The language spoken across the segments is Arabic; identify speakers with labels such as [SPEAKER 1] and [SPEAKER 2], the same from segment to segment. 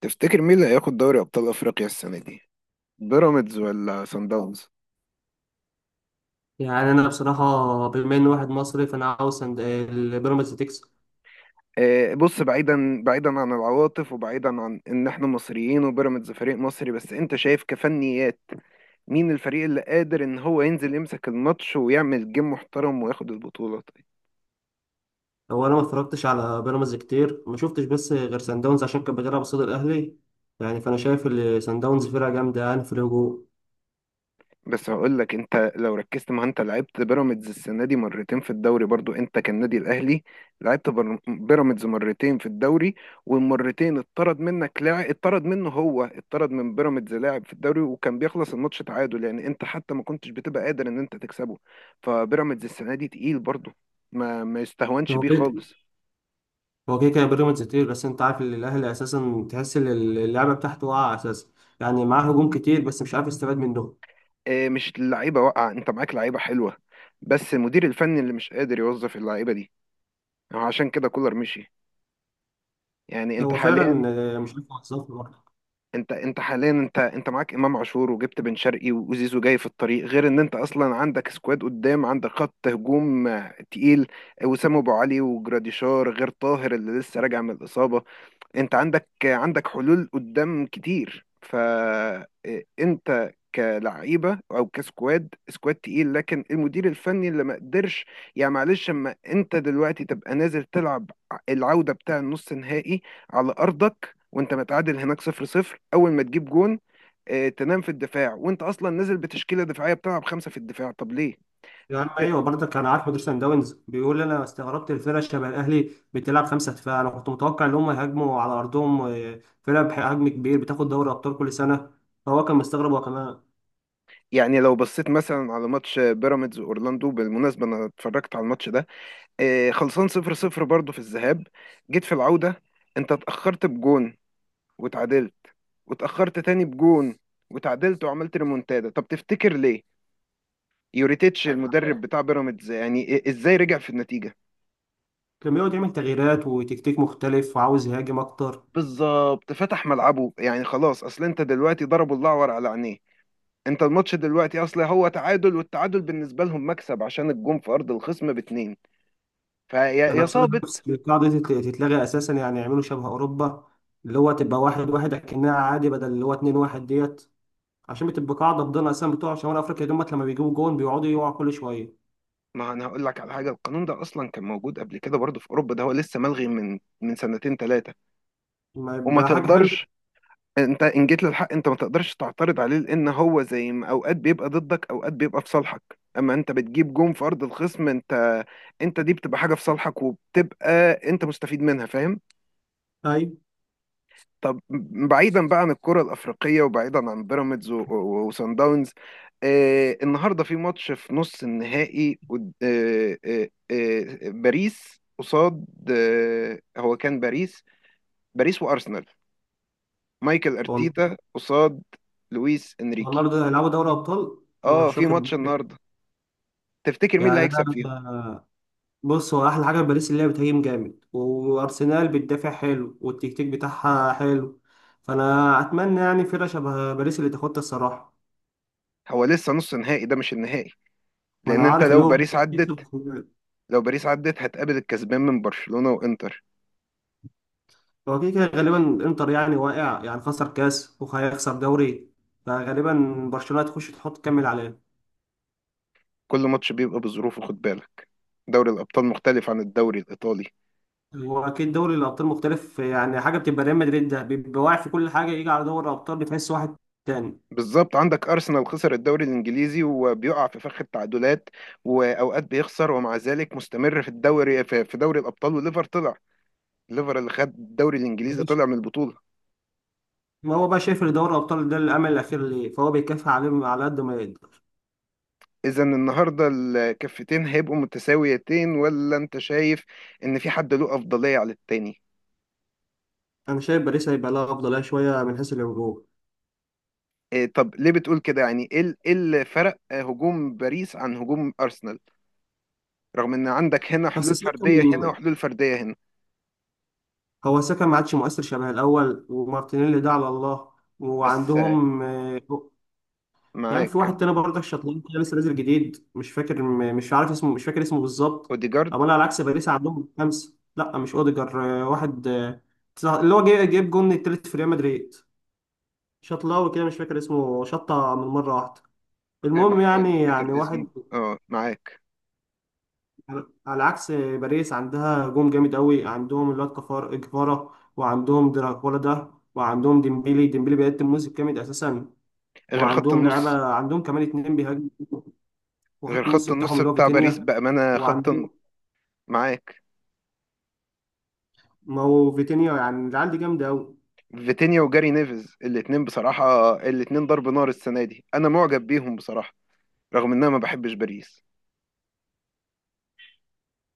[SPEAKER 1] تفتكر مين اللي هياخد دوري ابطال افريقيا السنه دي، بيراميدز ولا سان داونز؟
[SPEAKER 2] يعني انا بصراحه، بما اني واحد مصري فانا عاوز سند البيراميدز تكسب.
[SPEAKER 1] بص، بعيدا بعيدا عن العواطف وبعيدا عن ان احنا مصريين وبيراميدز فريق مصري، بس انت شايف كفنيات. مين الفريق اللي قادر ان هو ينزل يمسك الماتش ويعمل جيم محترم وياخد البطوله؟
[SPEAKER 2] هو انا ما اتفرجتش على بيراميدز كتير، ما شفتش بس غير سان داونز عشان كان بيلعب قصاد الاهلي. يعني فانا شايف ان سان داونز فرقه جامده، يعني في الهجوم.
[SPEAKER 1] بس هقول لك، انت لو ركزت، ما انت لعبت بيراميدز السنه دي مرتين في الدوري برضو، انت كالنادي الاهلي لعبت بيراميدز مرتين في الدوري. والمرتين اتطرد منك لاعب، اتطرد منه، هو اتطرد من بيراميدز لاعب في الدوري، وكان بيخلص الماتش تعادل. يعني انت حتى ما كنتش بتبقى قادر ان انت تكسبه. فبيراميدز السنه دي تقيل برضو، ما يستهونش
[SPEAKER 2] هو
[SPEAKER 1] بيه
[SPEAKER 2] كده.
[SPEAKER 1] خالص.
[SPEAKER 2] هو كده كان بيراميدز كتير، بس انت عارف ان الاهلي اساسا تحس ان اللعبه بتاعته واقعه اساسا. يعني معاه هجوم كتير بس مش عارف يستفاد منهم.
[SPEAKER 1] اه، مش اللعيبه واقعه، انت معاك لعيبه حلوه، بس المدير الفني اللي مش قادر يوظف اللعيبه دي. عشان كده كولر مشي. يعني انت
[SPEAKER 2] هو فعلا.
[SPEAKER 1] حاليا،
[SPEAKER 2] مش عارف يوظفه.
[SPEAKER 1] انت حاليا، انت معاك امام عاشور، وجبت بن شرقي، وزيزو جاي في الطريق، غير ان انت اصلا عندك سكواد قدام، عندك خط هجوم تقيل، وسام ابو علي وجراديشار غير طاهر اللي لسه راجع من الاصابه. انت عندك حلول قدام كتير، فانت كلعيبه او كسكواد، سكواد تقيل، لكن المدير الفني اللي ما قدرش. يعني معلش، اما انت دلوقتي تبقى نازل تلعب العوده بتاع النص نهائي على ارضك وانت متعادل هناك صفر صفر، اول ما تجيب جون، اه، تنام في الدفاع وانت اصلا نازل بتشكيله دفاعيه، بتلعب خمسه في الدفاع، طب ليه؟
[SPEAKER 2] يا عم ايوه، برضك انا عارف مدير سان داونز بيقول انا استغربت الفرقه شبه الاهلي بتلعب 5 دفاع، انا كنت متوقع ان هم يهاجموا على ارضهم، فرقه بحجم كبير بتاخد دوري ابطال كل سنه. فهو كان مستغرب هو كمان.
[SPEAKER 1] يعني لو بصيت مثلا على ماتش بيراميدز واورلاندو، بالمناسبه انا اتفرجت على الماتش ده، خلصان صفر صفر برضه في الذهاب، جيت في العودة، انت اتأخرت بجون وتعادلت، واتأخرت تاني بجون وتعادلت، وعملت ريمونتادا. طب تفتكر ليه يوريتيتش المدرب بتاع بيراميدز، يعني ازاي رجع في النتيجة؟
[SPEAKER 2] كان بيقعد يعمل تغييرات وتكتيك مختلف وعاوز يهاجم اكتر.
[SPEAKER 1] بالظبط، فتح ملعبه، يعني خلاص، اصل انت دلوقتي ضربوا الأعور على عينيه. انت الماتش دلوقتي اصل هو تعادل، والتعادل بالنسبة لهم مكسب عشان الجون في ارض الخصم باتنين، فيا
[SPEAKER 2] انا
[SPEAKER 1] يا
[SPEAKER 2] بصراحه
[SPEAKER 1] صابت.
[SPEAKER 2] نفسي القاعده دي تتلغي اساسا، يعني يعملوا شبه اوروبا، اللي هو تبقى واحد واحد اكنها عادي بدل اللي هو اتنين واحد ديت. عشان بتبقى قاعده فضلنا اساسا بتوع شمال افريقيا دول، لما بيجيبوا جون بيقعدوا يقعوا كل شويه.
[SPEAKER 1] ما انا هقول لك على حاجه، القانون ده اصلا كان موجود قبل كده برضه في اوروبا، ده هو لسه ملغي من سنتين ثلاثه.
[SPEAKER 2] ما
[SPEAKER 1] وما
[SPEAKER 2] يبقى حاجه حلوه.
[SPEAKER 1] تقدرش انت، ان جيت للحق انت ما تقدرش تعترض عليه، لان هو زي ما اوقات بيبقى ضدك اوقات بيبقى في صالحك. اما انت بتجيب جون في ارض الخصم، انت، انت دي بتبقى حاجه في صالحك، وبتبقى انت مستفيد منها، فاهم؟
[SPEAKER 2] ايوه.
[SPEAKER 1] طب بعيدا بقى عن الكرة الأفريقية وبعيدا عن بيراميدز و- و- وسان داونز. النهارده في ماتش في نص النهائي، باريس قصاد، هو كان باريس، باريس وأرسنال، مايكل أرتيتا قصاد لويس إنريكي.
[SPEAKER 2] النهارده هيلعبوا دوري ابطال. انا
[SPEAKER 1] اه،
[SPEAKER 2] مش
[SPEAKER 1] في
[SPEAKER 2] واخد
[SPEAKER 1] ماتش
[SPEAKER 2] بالي.
[SPEAKER 1] النهارده، تفتكر مين اللي
[SPEAKER 2] يعني
[SPEAKER 1] هيكسب
[SPEAKER 2] انا.
[SPEAKER 1] فيهم؟
[SPEAKER 2] بص، هو احلى حاجه في باريس اللي هي بتهاجم جامد، وارسنال بتدافع حلو والتكتيك بتاعها حلو. فانا اتمنى، يعني، فرقه شبه باريس اللي تاخدها الصراحه.
[SPEAKER 1] هو لسه نص نهائي ده مش النهائي، لأن
[SPEAKER 2] وانا
[SPEAKER 1] انت
[SPEAKER 2] عارف اللي
[SPEAKER 1] لو
[SPEAKER 2] هو
[SPEAKER 1] باريس
[SPEAKER 2] يكسب
[SPEAKER 1] عدت،
[SPEAKER 2] خروجات.
[SPEAKER 1] لو باريس عدت هتقابل الكسبان من برشلونة وإنتر.
[SPEAKER 2] هو كده كده غالبا انتر يعني واقع، يعني خسر كاس وهيخسر دوري، فغالبا برشلونه هتخش تحط تكمل عليه.
[SPEAKER 1] كل ماتش بيبقى بظروفه، خد بالك، دوري الأبطال مختلف عن الدوري الإيطالي.
[SPEAKER 2] هو اكيد دوري الابطال مختلف، يعني حاجه بتبقى ريال مدريد ده بيبقى واقع في كل حاجه، يجي على دوري الابطال بتحس واحد تاني.
[SPEAKER 1] بالظبط، عندك أرسنال خسر الدوري الإنجليزي وبيقع في فخ التعادلات، وأوقات بيخسر ومع ذلك مستمر في الدوري، في في دوري الأبطال، وليفر طلع. ليفر اللي خد الدوري الإنجليزي طلع من البطولة.
[SPEAKER 2] ما هو بقى شايف ان دوري الابطال ده الامل الاخير ليه، فهو بيكافح عليهم على قد ما يقدر.
[SPEAKER 1] إذا النهاردة الكفتين هيبقوا متساويتين، ولا أنت شايف إن في حد له أفضلية على التاني؟
[SPEAKER 2] انا شايف باريس هيبقى لها افضليه شويه من حيث الهجوم.
[SPEAKER 1] إيه، طب ليه بتقول كده، يعني إيه إيه اللي فرق هجوم باريس عن هجوم أرسنال؟ رغم ان عندك هنا
[SPEAKER 2] بس
[SPEAKER 1] حلول
[SPEAKER 2] ساكا.
[SPEAKER 1] فرديه هنا وحلول فرديه هنا.
[SPEAKER 2] هو ساكا ما عادش مؤثر شبه الاول، ومارتينيلي ده على الله.
[SPEAKER 1] بس
[SPEAKER 2] وعندهم يعني
[SPEAKER 1] معاك
[SPEAKER 2] في واحد تاني برضه شطلان كده لسه نازل جديد، مش فاكر مش عارف اسمه، مش فاكر اسمه بالظبط.
[SPEAKER 1] اوديجارد،
[SPEAKER 2] اما انا على عكس باريس عندهم خمسه، لا مش اوديجر، واحد، اللي هو جايب جون التالت في ريال مدريد. شطلاوي كده مش فاكر اسمه، شطه من مره واحده. المهم،
[SPEAKER 1] بحاول
[SPEAKER 2] يعني
[SPEAKER 1] افتكر
[SPEAKER 2] واحد.
[SPEAKER 1] اسمه، اه معاك.
[SPEAKER 2] على عكس باريس عندها هجوم جامد قوي، عندهم الواد كفار كفارة، وعندهم دراكولا ده، وعندهم ديمبيلي. ديمبيلي بيقدم موسم جامد اساسا.
[SPEAKER 1] غير خط
[SPEAKER 2] وعندهم
[SPEAKER 1] النص،
[SPEAKER 2] لعيبه، عندهم كمان اتنين بيهاجموا،
[SPEAKER 1] غير
[SPEAKER 2] وخط النص
[SPEAKER 1] خط
[SPEAKER 2] بتاعهم
[SPEAKER 1] النص
[SPEAKER 2] اللي هو
[SPEAKER 1] بتاع باريس
[SPEAKER 2] فيتينيا.
[SPEAKER 1] بامانه،
[SPEAKER 2] وعندهم،
[SPEAKER 1] معاك
[SPEAKER 2] ما هو فيتينيا، يعني العيال دي جامده قوي.
[SPEAKER 1] فيتينيا وجاري نيفز، الاتنين بصراحه الاتنين ضرب نار السنه دي، انا معجب بيهم بصراحه، رغم ان انا ما بحبش باريس.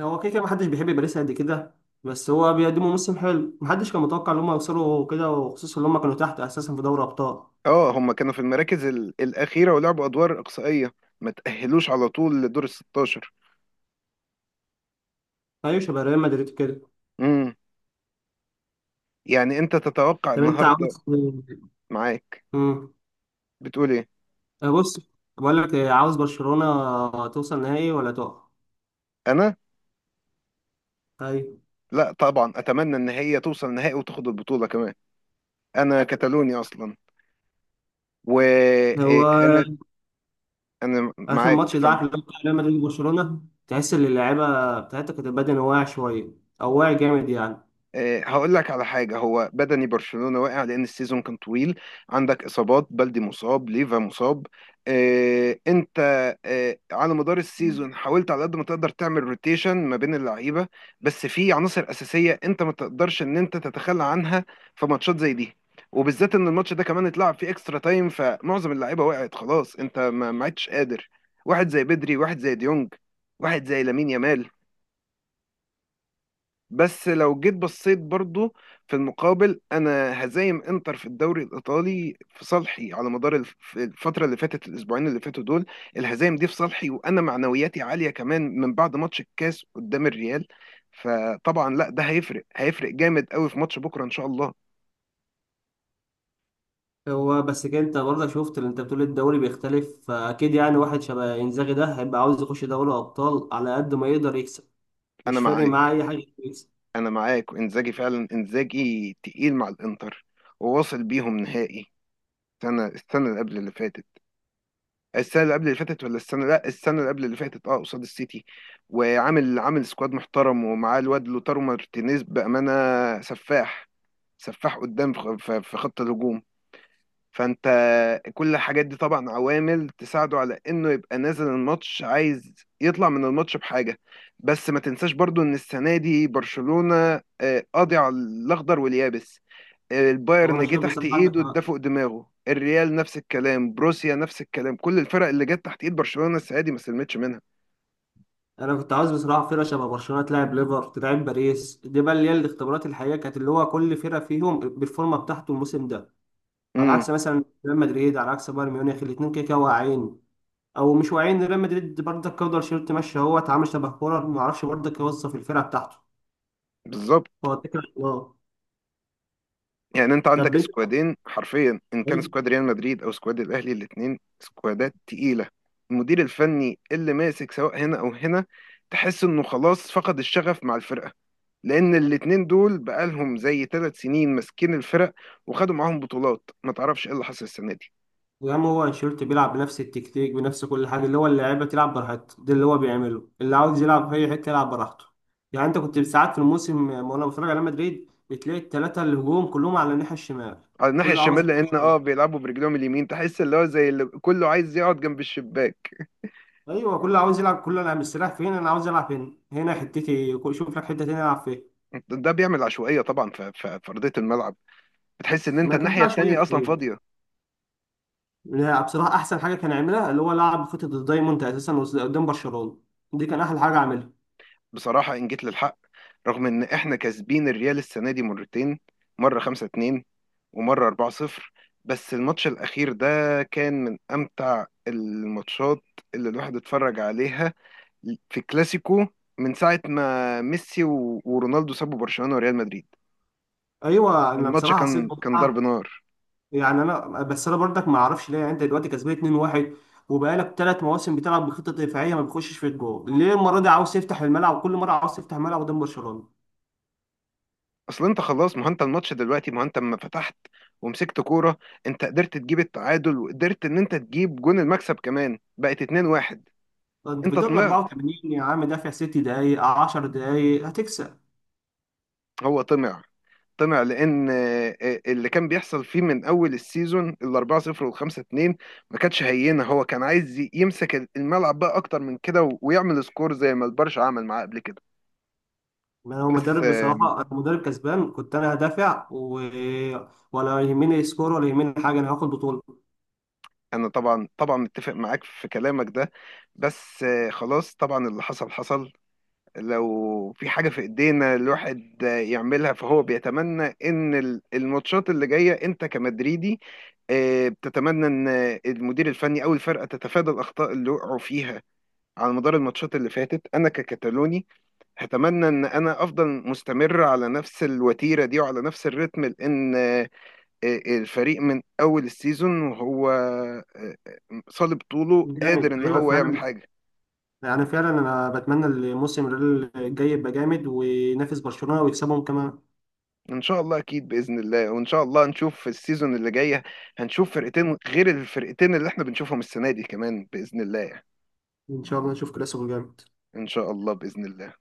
[SPEAKER 2] هو كده كده محدش بيحب باريس قد كده، بس هو بيقدموا موسم حلو، محدش كان متوقع ان هم يوصلوا كده، وخصوصا ان هم كانوا تحت اساسا في دوري ابطال.
[SPEAKER 1] اه، هم كانوا في المراكز الاخيره ولعبوا ادوار اقصائيه، ما تاهلوش على طول لدور ال 16.
[SPEAKER 2] ايوه شبه ريال مدريد كده.
[SPEAKER 1] امم يعني انت تتوقع
[SPEAKER 2] طب انت
[SPEAKER 1] النهارده،
[SPEAKER 2] عاوز.
[SPEAKER 1] معاك،
[SPEAKER 2] مم.
[SPEAKER 1] بتقول ايه؟
[SPEAKER 2] بص، بقول لك، عاوز برشلونة توصل نهائي ولا تقع؟
[SPEAKER 1] انا،
[SPEAKER 2] ايوه.
[SPEAKER 1] لا طبعا اتمنى ان هي توصل نهائي وتاخد البطوله كمان. انا كتالوني اصلا،
[SPEAKER 2] هو
[SPEAKER 1] وانا انا أنا
[SPEAKER 2] اخر
[SPEAKER 1] معاك،
[SPEAKER 2] ماتش ده، عارف
[SPEAKER 1] سامع.
[SPEAKER 2] اللي هو بتاع ريال مدريد وبرشلونة، تحس ان اللعيبه بتاعتها كانت البدن واقع شويه، او واقع جامد يعني.
[SPEAKER 1] هقول لك على حاجة، هو بدني برشلونة واقع لأن السيزون كان طويل، عندك إصابات، بلدي مصاب، ليفا مصاب. أنت على مدار السيزون حاولت على قد ما تقدر تعمل روتيشن ما بين اللعيبة، بس في عناصر أساسية أنت ما تقدرش إن أنت تتخلى عنها في ماتشات زي دي، وبالذات إن الماتش ده كمان اتلعب فيه إكسترا تايم، فمعظم اللعيبة وقعت خلاص، أنت ما عدتش قادر. واحد زي بدري، واحد زي ديونج، واحد زي لامين يامال. بس لو جيت بصيت برضو، في المقابل انا هزايم انتر في الدوري الايطالي في صالحي على مدار الفتره اللي فاتت، الاسبوعين اللي فاتوا دول، الهزايم دي في صالحي، وانا معنوياتي عاليه كمان من بعد ماتش الكاس قدام الريال. فطبعا لا، ده هيفرق هيفرق جامد قوي في ماتش بكره ان شاء الله.
[SPEAKER 2] هو بس كده انت برضه شفت اللي انت بتقول الدوري بيختلف، فاكيد يعني واحد شبه انزاغي ده هيبقى عاوز يخش دوري ابطال على قد ما يقدر يكسب،
[SPEAKER 1] انا
[SPEAKER 2] مش فارق معاه
[SPEAKER 1] معاك،
[SPEAKER 2] اي حاجه يكسب.
[SPEAKER 1] انا معاك، وانزاجي فعلا انزاجي تقيل مع الانتر، وواصل بيهم نهائي السنه اللي قبل اللي فاتت، السنه اللي قبل اللي فاتت، ولا السنه، لا، السنه اللي قبل اللي فاتت، اه، قصاد السيتي، وعامل سكواد محترم، ومعاه الواد لوتارو مارتينيز بامانه، سفاح، سفاح قدام في خط الهجوم، فانت كل الحاجات دي طبعا عوامل تساعده على انه يبقى نازل الماتش عايز يطلع من الماتش بحاجه. بس ما تنساش برضو ان السنه دي برشلونه قاضي على الاخضر واليابس،
[SPEAKER 2] هو انا
[SPEAKER 1] البايرن جه
[SPEAKER 2] شايف
[SPEAKER 1] تحت
[SPEAKER 2] بصراحه عندك
[SPEAKER 1] ايده اداه
[SPEAKER 2] حق.
[SPEAKER 1] فوق دماغه، الريال نفس الكلام، بروسيا نفس الكلام، كل الفرق اللي جت تحت ايد برشلونة السنة دي ما سلمتش منها.
[SPEAKER 2] انا كنت عاوز بصراحه فرقه شبه برشلونه تلعب، ليفر تلعب، باريس دي، بقى اللي هي الاختبارات الحقيقيه، كانت اللي هو كل فرقه فيهم بالفورمه بتاعته الموسم ده. على
[SPEAKER 1] امم
[SPEAKER 2] عكس مثلا ريال مدريد، على عكس بايرن ميونخ، الاثنين كده كده واقعين، او مش واقعين. ريال مدريد برضه كولر شيرت ماشي، هو اتعامل شبه كولر، ما اعرفش برضه يوظف الفرقه بتاعته.
[SPEAKER 1] بالظبط.
[SPEAKER 2] هو الفكره في الله.
[SPEAKER 1] يعني انت عندك
[SPEAKER 2] طب انت.
[SPEAKER 1] سكوادين حرفيا، ان كان
[SPEAKER 2] طيب.
[SPEAKER 1] سكواد ريال مدريد او سكواد الاهلي، الاثنين سكوادات تقيلة، المدير الفني اللي ماسك سواء هنا او هنا تحس انه خلاص فقد الشغف مع الفرقة، لان الاتنين دول بقالهم زي 3 سنين ماسكين الفرق وخدوا معاهم بطولات، ما تعرفش ايه اللي حصل السنة دي.
[SPEAKER 2] يا عم هو انشيلوتي بيلعب بنفس التكتيك بنفس كل حاجه، اللي هو اللعيبه تلعب براحتها، ده اللي هو بيعمله، اللي عاوز يلعب في اي حته يلعب براحته. يعني انت كنت ساعات في الموسم، وانا بتفرج على مدريد بتلاقي الثلاثه الهجوم كلهم على الناحيه الشمال.
[SPEAKER 1] على الناحية
[SPEAKER 2] كله عاوز
[SPEAKER 1] الشمال،
[SPEAKER 2] يلعب
[SPEAKER 1] لأن
[SPEAKER 2] شمال.
[SPEAKER 1] اه بيلعبوا برجلهم اليمين، تحس اللي هو زي اللي كله عايز يقعد جنب الشباك.
[SPEAKER 2] ايوه كله عاوز يلعب، كله انا مستريح فين، انا عاوز العب هنا، هنا حتتي، شوف لك حته تانيه العب فيها.
[SPEAKER 1] ده بيعمل عشوائية طبعا في أرضية الملعب، بتحس إن أنت
[SPEAKER 2] ما كان
[SPEAKER 1] الناحية
[SPEAKER 2] فيها شويه
[SPEAKER 1] التانية أصلا
[SPEAKER 2] كتير.
[SPEAKER 1] فاضية.
[SPEAKER 2] لا، بصراحه احسن حاجه كان يعملها اللي هو لعب خطه الدايموند اساسا قدام برشلونه. دي كان احلى حاجه عملها.
[SPEAKER 1] بصراحة إن جيت للحق، رغم إن إحنا كاسبين الريال السنة دي مرتين، مرة 5-2 ومرة 4-0، بس الماتش الأخير ده كان من أمتع الماتشات اللي الواحد اتفرج عليها في كلاسيكو من ساعة ما ميسي و- ورونالدو سابوا برشلونة وريال مدريد.
[SPEAKER 2] ايوه انا
[SPEAKER 1] الماتش
[SPEAKER 2] بصراحه حسيت
[SPEAKER 1] كان كان ضرب
[SPEAKER 2] بمتعه.
[SPEAKER 1] نار.
[SPEAKER 2] يعني انا بس، انا برضك ما اعرفش ليه، يعني انت دلوقتي كسبان 2-1، وبقالك 3 مواسم بتلعب بخطه دفاعيه ما بيخشش في الجول، ليه المره دي عاوز تفتح الملعب وكل مره عاوز تفتح الملعب قدام برشلونه؟
[SPEAKER 1] اصل انت خلاص، ما هو انت الماتش دلوقتي، ما هو انت لما فتحت ومسكت كوره، انت قدرت تجيب التعادل، وقدرت ان انت تجيب جون المكسب كمان، بقت 2-1.
[SPEAKER 2] طب انت في
[SPEAKER 1] انت
[SPEAKER 2] الدقيقه
[SPEAKER 1] طمعت،
[SPEAKER 2] 84 يا عم دافع 6 دقايق، 10 دقايق هتكسب.
[SPEAKER 1] هو طمع، طمع لان اللي كان بيحصل فيه من اول السيزون ال 4-0 وال 5-2 ما كانتش هينه، هو كان عايز يمسك الملعب بقى اكتر من كده و- ويعمل سكور زي ما البرشا عمل معاه قبل كده.
[SPEAKER 2] ما هو
[SPEAKER 1] بس
[SPEAKER 2] مدرب بصراحه، انا مدرب كسبان، كنت انا هدافع. و... ولا يهمني سكور ولا يهمني حاجه، انا هاخد بطوله.
[SPEAKER 1] انا طبعا طبعا متفق معاك في كلامك ده، بس خلاص طبعا اللي حصل حصل. لو في حاجة في ايدينا الواحد يعملها، فهو بيتمنى ان الماتشات اللي جاية، انت كمدريدي بتتمنى ان المدير الفني او الفرقة تتفادى الاخطاء اللي وقعوا فيها على مدار الماتشات اللي فاتت. انا ككتالوني هتمنى ان انا افضل مستمر على نفس الوتيره دي وعلى نفس الريتم، لان الفريق من اول السيزون، وهو صلب طوله قادر
[SPEAKER 2] جامد،
[SPEAKER 1] ان
[SPEAKER 2] ايوه
[SPEAKER 1] هو يعمل
[SPEAKER 2] فعلا.
[SPEAKER 1] حاجه.
[SPEAKER 2] يعني فعلا انا بتمنى الموسم الجاي يبقى جامد، وينافس برشلونه ويكسبهم كمان.
[SPEAKER 1] ان شاء الله اكيد باذن الله، وان شاء الله نشوف في السيزون اللي جايه، هنشوف فرقتين غير الفرقتين اللي احنا بنشوفهم السنه دي كمان باذن الله يعني.
[SPEAKER 2] ان شاء الله نشوف كلاسيكو جامد.
[SPEAKER 1] ان شاء الله باذن الله.